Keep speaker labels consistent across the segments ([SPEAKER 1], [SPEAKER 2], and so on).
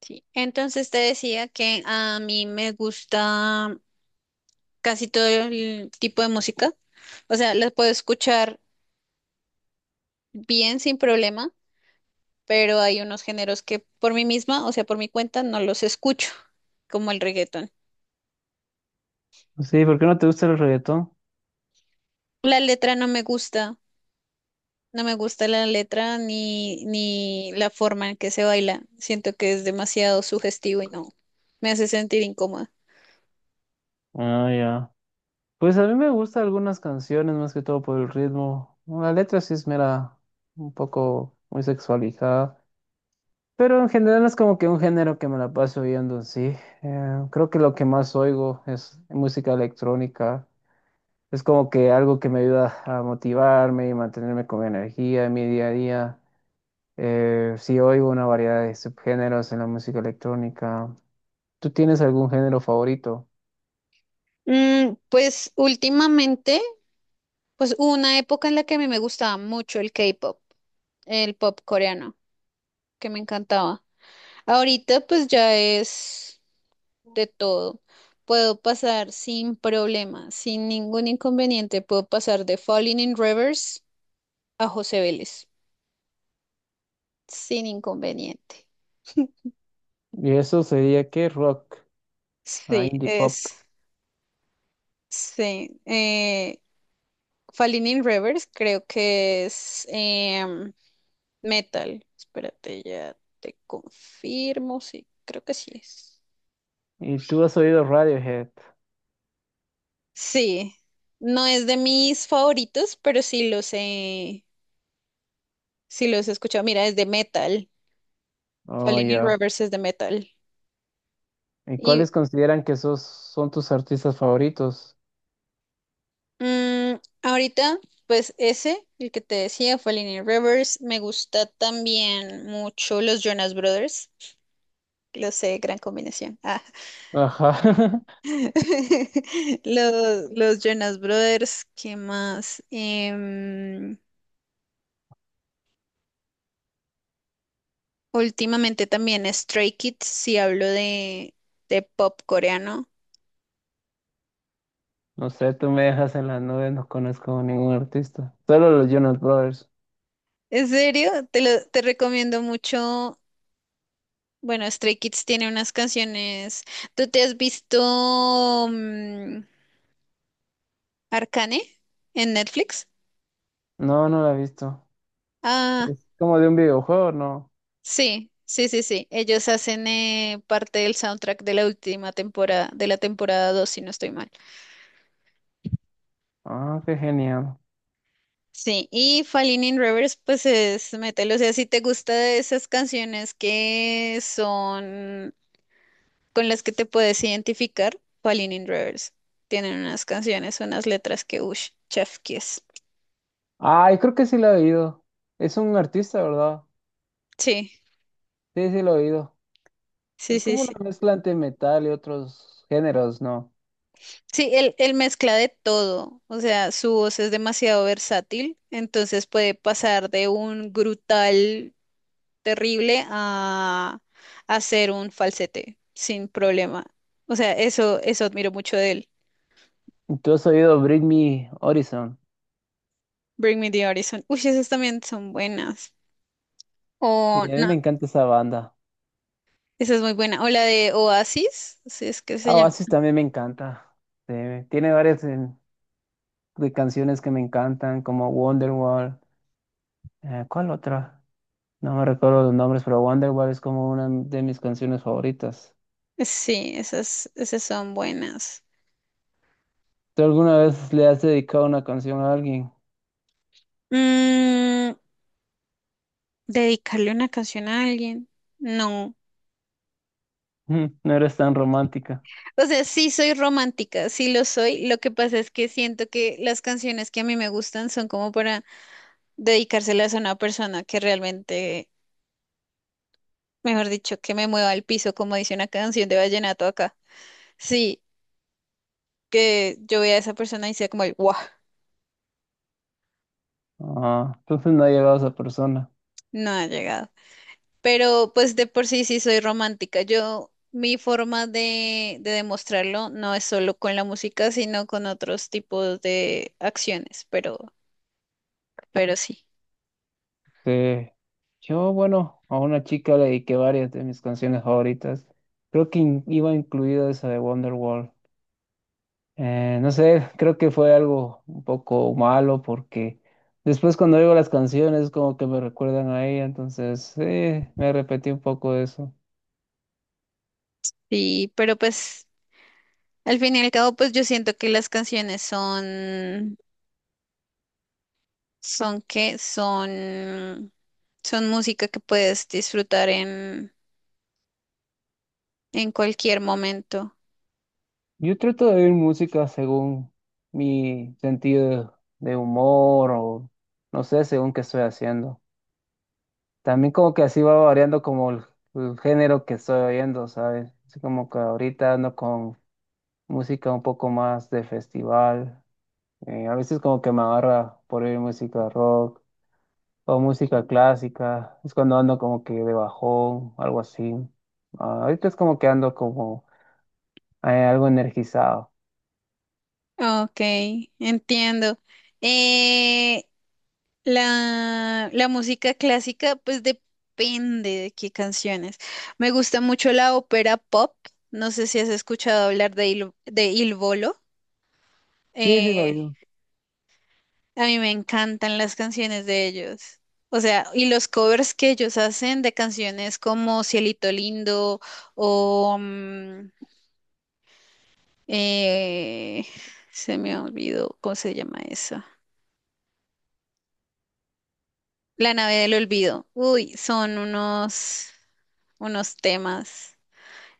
[SPEAKER 1] Sí, entonces te decía que a mí me gusta casi todo el tipo de música. O sea, las puedo escuchar bien sin problema, pero hay unos géneros que por mí misma, o sea, por mi cuenta, no los escucho, como el reggaetón.
[SPEAKER 2] Sí, ¿por qué no te gusta el reggaetón?
[SPEAKER 1] La letra no me gusta, no me gusta la letra ni la forma en que se baila. Siento que es demasiado sugestivo y no me hace sentir incómoda.
[SPEAKER 2] Ah, ya. Pues a mí me gustan algunas canciones, más que todo por el ritmo. La letra sí es mera, un poco muy sexualizada. Pero en general no es como que un género que me la paso oyendo, sí. Creo que lo que más oigo es música electrónica. Es como que algo que me ayuda a motivarme y mantenerme con energía en mi día a día. Sí oigo una variedad de subgéneros en la música electrónica. ¿Tú tienes algún género favorito?
[SPEAKER 1] Pues últimamente. Pues hubo una época en la que a mí me gustaba mucho el K-pop, el pop coreano, que me encantaba. Ahorita pues ya es de todo. Puedo pasar sin problema, sin ningún inconveniente. Puedo pasar de Falling in Reverse a José Vélez, sin inconveniente.
[SPEAKER 2] Y eso sería que rock, ah,
[SPEAKER 1] Sí,
[SPEAKER 2] indie pop.
[SPEAKER 1] es, sí. Falling in Reverse creo que es metal. Espérate, ya te confirmo, sí, creo que sí es.
[SPEAKER 2] ¿Y tú has oído Radiohead?
[SPEAKER 1] Sí, no es de mis favoritos, pero sí los he escuchado. Mira, es de metal.
[SPEAKER 2] Oh,
[SPEAKER 1] Falling in
[SPEAKER 2] ya.
[SPEAKER 1] Reverse es de metal.
[SPEAKER 2] ¿Y
[SPEAKER 1] Y
[SPEAKER 2] cuáles consideran que esos son tus artistas favoritos?
[SPEAKER 1] mm, ahorita, pues ese, el que te decía, Falling in Reverse, me gusta también mucho los Jonas Brothers. Lo sé, gran combinación. Ah.
[SPEAKER 2] Ajá.
[SPEAKER 1] Los Jonas Brothers, ¿qué más? Últimamente también Stray Kids, si hablo de pop coreano.
[SPEAKER 2] No sé, tú me dejas en las nubes, no conozco ningún artista. Solo los Jonas Brothers.
[SPEAKER 1] ¿En serio? Te recomiendo mucho. Bueno, Stray Kids tiene unas canciones. ¿Tú te has visto Arcane en Netflix?
[SPEAKER 2] No, no la he visto.
[SPEAKER 1] Ah,
[SPEAKER 2] Es como de un videojuego, ¿no?
[SPEAKER 1] sí, sí, sí, sí. Ellos hacen parte del soundtrack de la última temporada, de la temporada 2, si no estoy mal.
[SPEAKER 2] Ah, qué genial.
[SPEAKER 1] Sí, y Falling in Reverse, pues es, mételo. O sea, si te gusta de esas canciones que son con las que te puedes identificar, Falling in Reverse. Tienen unas canciones, unas letras que, uff, chef kiss.
[SPEAKER 2] Ay, creo que sí la he oído. Es un artista, ¿verdad?
[SPEAKER 1] Sí,
[SPEAKER 2] Sí, sí lo he oído.
[SPEAKER 1] sí,
[SPEAKER 2] Es
[SPEAKER 1] sí,
[SPEAKER 2] como una
[SPEAKER 1] sí.
[SPEAKER 2] mezcla entre metal y otros géneros, ¿no?
[SPEAKER 1] Sí, él mezcla de todo, o sea, su voz es demasiado versátil, entonces puede pasar de un grutal terrible a hacer un falsete sin problema. O sea, eso admiro mucho de él.
[SPEAKER 2] ¿Tú has oído Bring Me Horizon?
[SPEAKER 1] Bring Me the Horizon. Uy, esas también son buenas.
[SPEAKER 2] Sí,
[SPEAKER 1] O
[SPEAKER 2] a mí
[SPEAKER 1] no,
[SPEAKER 2] me encanta esa banda.
[SPEAKER 1] esa es muy buena. O la de Oasis, si es que se
[SPEAKER 2] Ah,
[SPEAKER 1] llama.
[SPEAKER 2] Oasis también me encanta. Sí, tiene varias de canciones que me encantan, como Wonderwall. ¿Cuál otra? No me recuerdo los nombres, pero Wonderwall es como una de mis canciones favoritas.
[SPEAKER 1] Sí, esas, esas son buenas.
[SPEAKER 2] ¿Tú alguna vez le has dedicado una canción a alguien?
[SPEAKER 1] Mm, ¿Dedicarle una canción a alguien? No.
[SPEAKER 2] Mm, no eres tan romántica.
[SPEAKER 1] O sea, sí soy romántica, sí lo soy. Lo que pasa es que siento que las canciones que a mí me gustan son como para dedicárselas a una persona que realmente, mejor dicho, que me mueva al piso, como dice una canción de vallenato acá. Sí, que yo vea a esa persona y sea como el, ¡guau!
[SPEAKER 2] Ah, entonces no ha llegado a esa persona.
[SPEAKER 1] No ha llegado. Pero pues de por sí sí soy romántica. Yo, mi forma de demostrarlo no es solo con la música, sino con otros tipos de acciones, pero sí.
[SPEAKER 2] Sí. Yo, bueno, a una chica le dediqué varias de mis canciones favoritas. Creo que iba incluida esa de Wonderwall. No sé, creo que fue algo un poco malo porque después cuando oigo las canciones como que me recuerdan a ella, entonces me repetí un poco de eso.
[SPEAKER 1] Sí, pero pues al fin y al cabo, pues yo siento que las canciones son que son, son música que puedes disfrutar en cualquier momento.
[SPEAKER 2] Yo trato de oír música según mi sentido de humor o no sé, según qué estoy haciendo. También como que así va variando como el género que estoy oyendo, ¿sabes? Así como que ahorita ando con música un poco más de festival. A veces como que me agarra por oír música rock. O música clásica, es cuando ando como que de bajón, algo así. Ah, ahorita es como que ando como algo energizado.
[SPEAKER 1] Ok, entiendo. Eh, la música clásica, pues depende de qué canciones. Me gusta mucho la ópera pop. No sé si has escuchado hablar de Il Volo.
[SPEAKER 2] Sí, sí, lo
[SPEAKER 1] Eh,
[SPEAKER 2] digo.
[SPEAKER 1] a mí me encantan las canciones de ellos. O sea, y los covers que ellos hacen de canciones como Cielito Lindo o, eh, se me olvidó, ¿cómo se llama eso? La nave del olvido. Uy, son unos temas.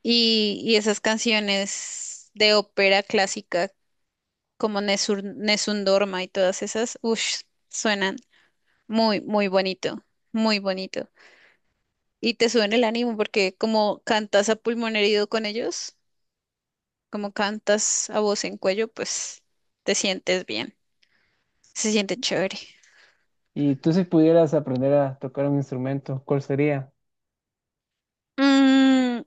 [SPEAKER 1] Y esas canciones de ópera clásica como Nessun Dorma y todas esas, uff, suenan muy, muy bonito, muy bonito. Y te suben el ánimo porque como cantas a pulmón herido con ellos, como cantas a voz en cuello, pues te sientes bien, se siente chévere.
[SPEAKER 2] Y tú si pudieras aprender a tocar un instrumento, ¿cuál sería?
[SPEAKER 1] Mm,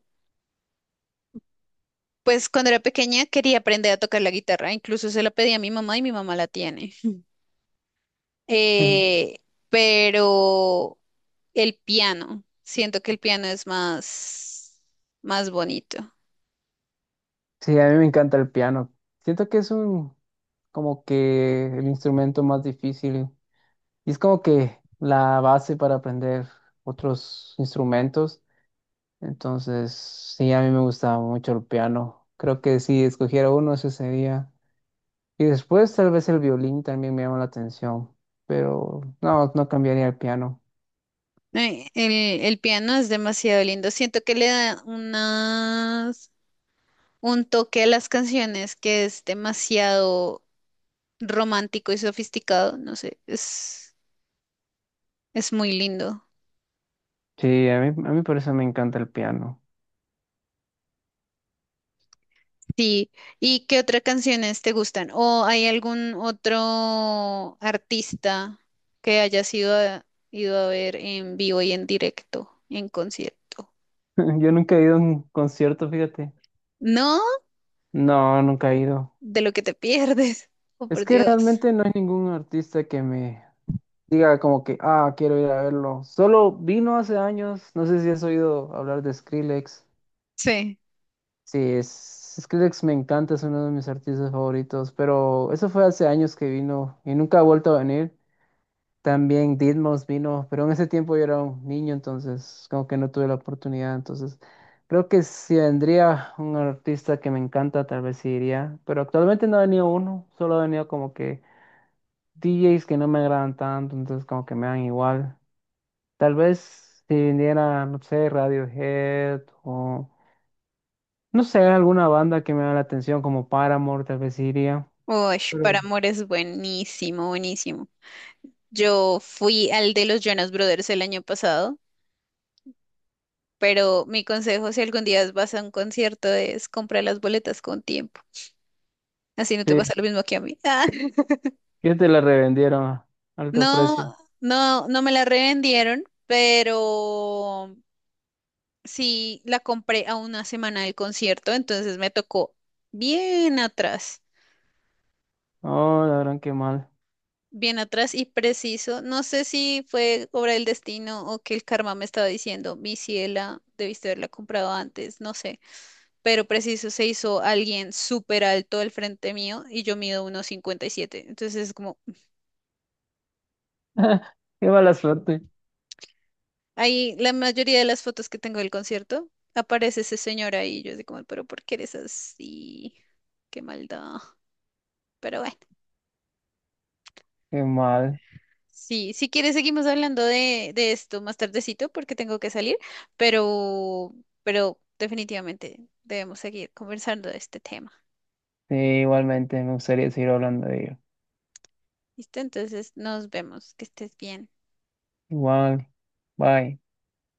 [SPEAKER 1] pues cuando era pequeña quería aprender a tocar la guitarra, incluso se la pedí a mi mamá y mi mamá la tiene.
[SPEAKER 2] Ujú.
[SPEAKER 1] Eh, pero el piano. Siento que el piano es más bonito.
[SPEAKER 2] Sí, a mí me encanta el piano. Siento que es como que el instrumento más difícil y es como que la base para aprender otros instrumentos. Entonces, sí, a mí me gusta mucho el piano. Creo que si escogiera uno, ese sería. Y después tal vez el violín también me llama la atención, pero no, no cambiaría el piano.
[SPEAKER 1] Eh, El, el piano es demasiado lindo. Siento que le da un toque a las canciones que es demasiado romántico y sofisticado. No sé, es muy lindo.
[SPEAKER 2] Sí, a mí por eso me encanta el piano.
[SPEAKER 1] Sí. ¿Y qué otras canciones te gustan? ¿O hay algún otro artista que hayas ido a ver en vivo y en directo, en concierto?
[SPEAKER 2] Yo nunca he ido a un concierto, fíjate.
[SPEAKER 1] No,
[SPEAKER 2] No, nunca he ido.
[SPEAKER 1] de lo que te pierdes. Oh,
[SPEAKER 2] Es
[SPEAKER 1] por
[SPEAKER 2] que
[SPEAKER 1] Dios.
[SPEAKER 2] realmente no hay ningún artista que me diga como que, ah, quiero ir a verlo. Solo vino hace años, no sé si has oído hablar de Skrillex.
[SPEAKER 1] Sí.
[SPEAKER 2] Sí, Skrillex me encanta, es uno de mis artistas favoritos, pero eso fue hace años que vino y nunca ha vuelto a venir. También Didmos vino, pero en ese tiempo yo era un niño, entonces como que no tuve la oportunidad. Entonces creo que si vendría un artista que me encanta, tal vez sí iría. Pero actualmente no ha venido uno, solo ha venido como que DJs que no me agradan tanto, entonces como que me dan igual. Tal vez si viniera, no sé, Radiohead o no sé, alguna banda que me da la atención como Paramore, tal vez sí iría.
[SPEAKER 1] Uy, Para
[SPEAKER 2] Pero
[SPEAKER 1] Amor es buenísimo, buenísimo. Yo fui al de los Jonas Brothers el año pasado, pero mi consejo si algún día vas a un concierto es comprar las boletas con tiempo. Así no te
[SPEAKER 2] sí,
[SPEAKER 1] pasa lo mismo que a mí. Ah,
[SPEAKER 2] que te la revendieron a alto
[SPEAKER 1] no,
[SPEAKER 2] precio.
[SPEAKER 1] no, no me la revendieron, pero sí la compré a una semana del concierto, entonces me tocó bien atrás.
[SPEAKER 2] Oh, la gran que mal.
[SPEAKER 1] Bien atrás y preciso. No sé si fue obra del destino o que el karma me estaba diciendo, mi ciela, debiste haberla comprado antes, no sé. Pero preciso se hizo alguien súper alto al frente mío y yo mido 1,57. Entonces es como,
[SPEAKER 2] Qué mala suerte.
[SPEAKER 1] ahí la mayoría de las fotos que tengo del concierto aparece ese señor ahí. Yo así como, pero ¿por qué eres así? Qué maldad. Pero bueno.
[SPEAKER 2] Qué mal.
[SPEAKER 1] Sí, si quieres seguimos hablando de esto más tardecito porque tengo que salir, pero, pero definitivamente debemos seguir conversando de este tema.
[SPEAKER 2] Sí, igualmente me gustaría seguir hablando de ello.
[SPEAKER 1] ¿Listo? Entonces nos vemos, que estés bien.
[SPEAKER 2] Igual. Bye.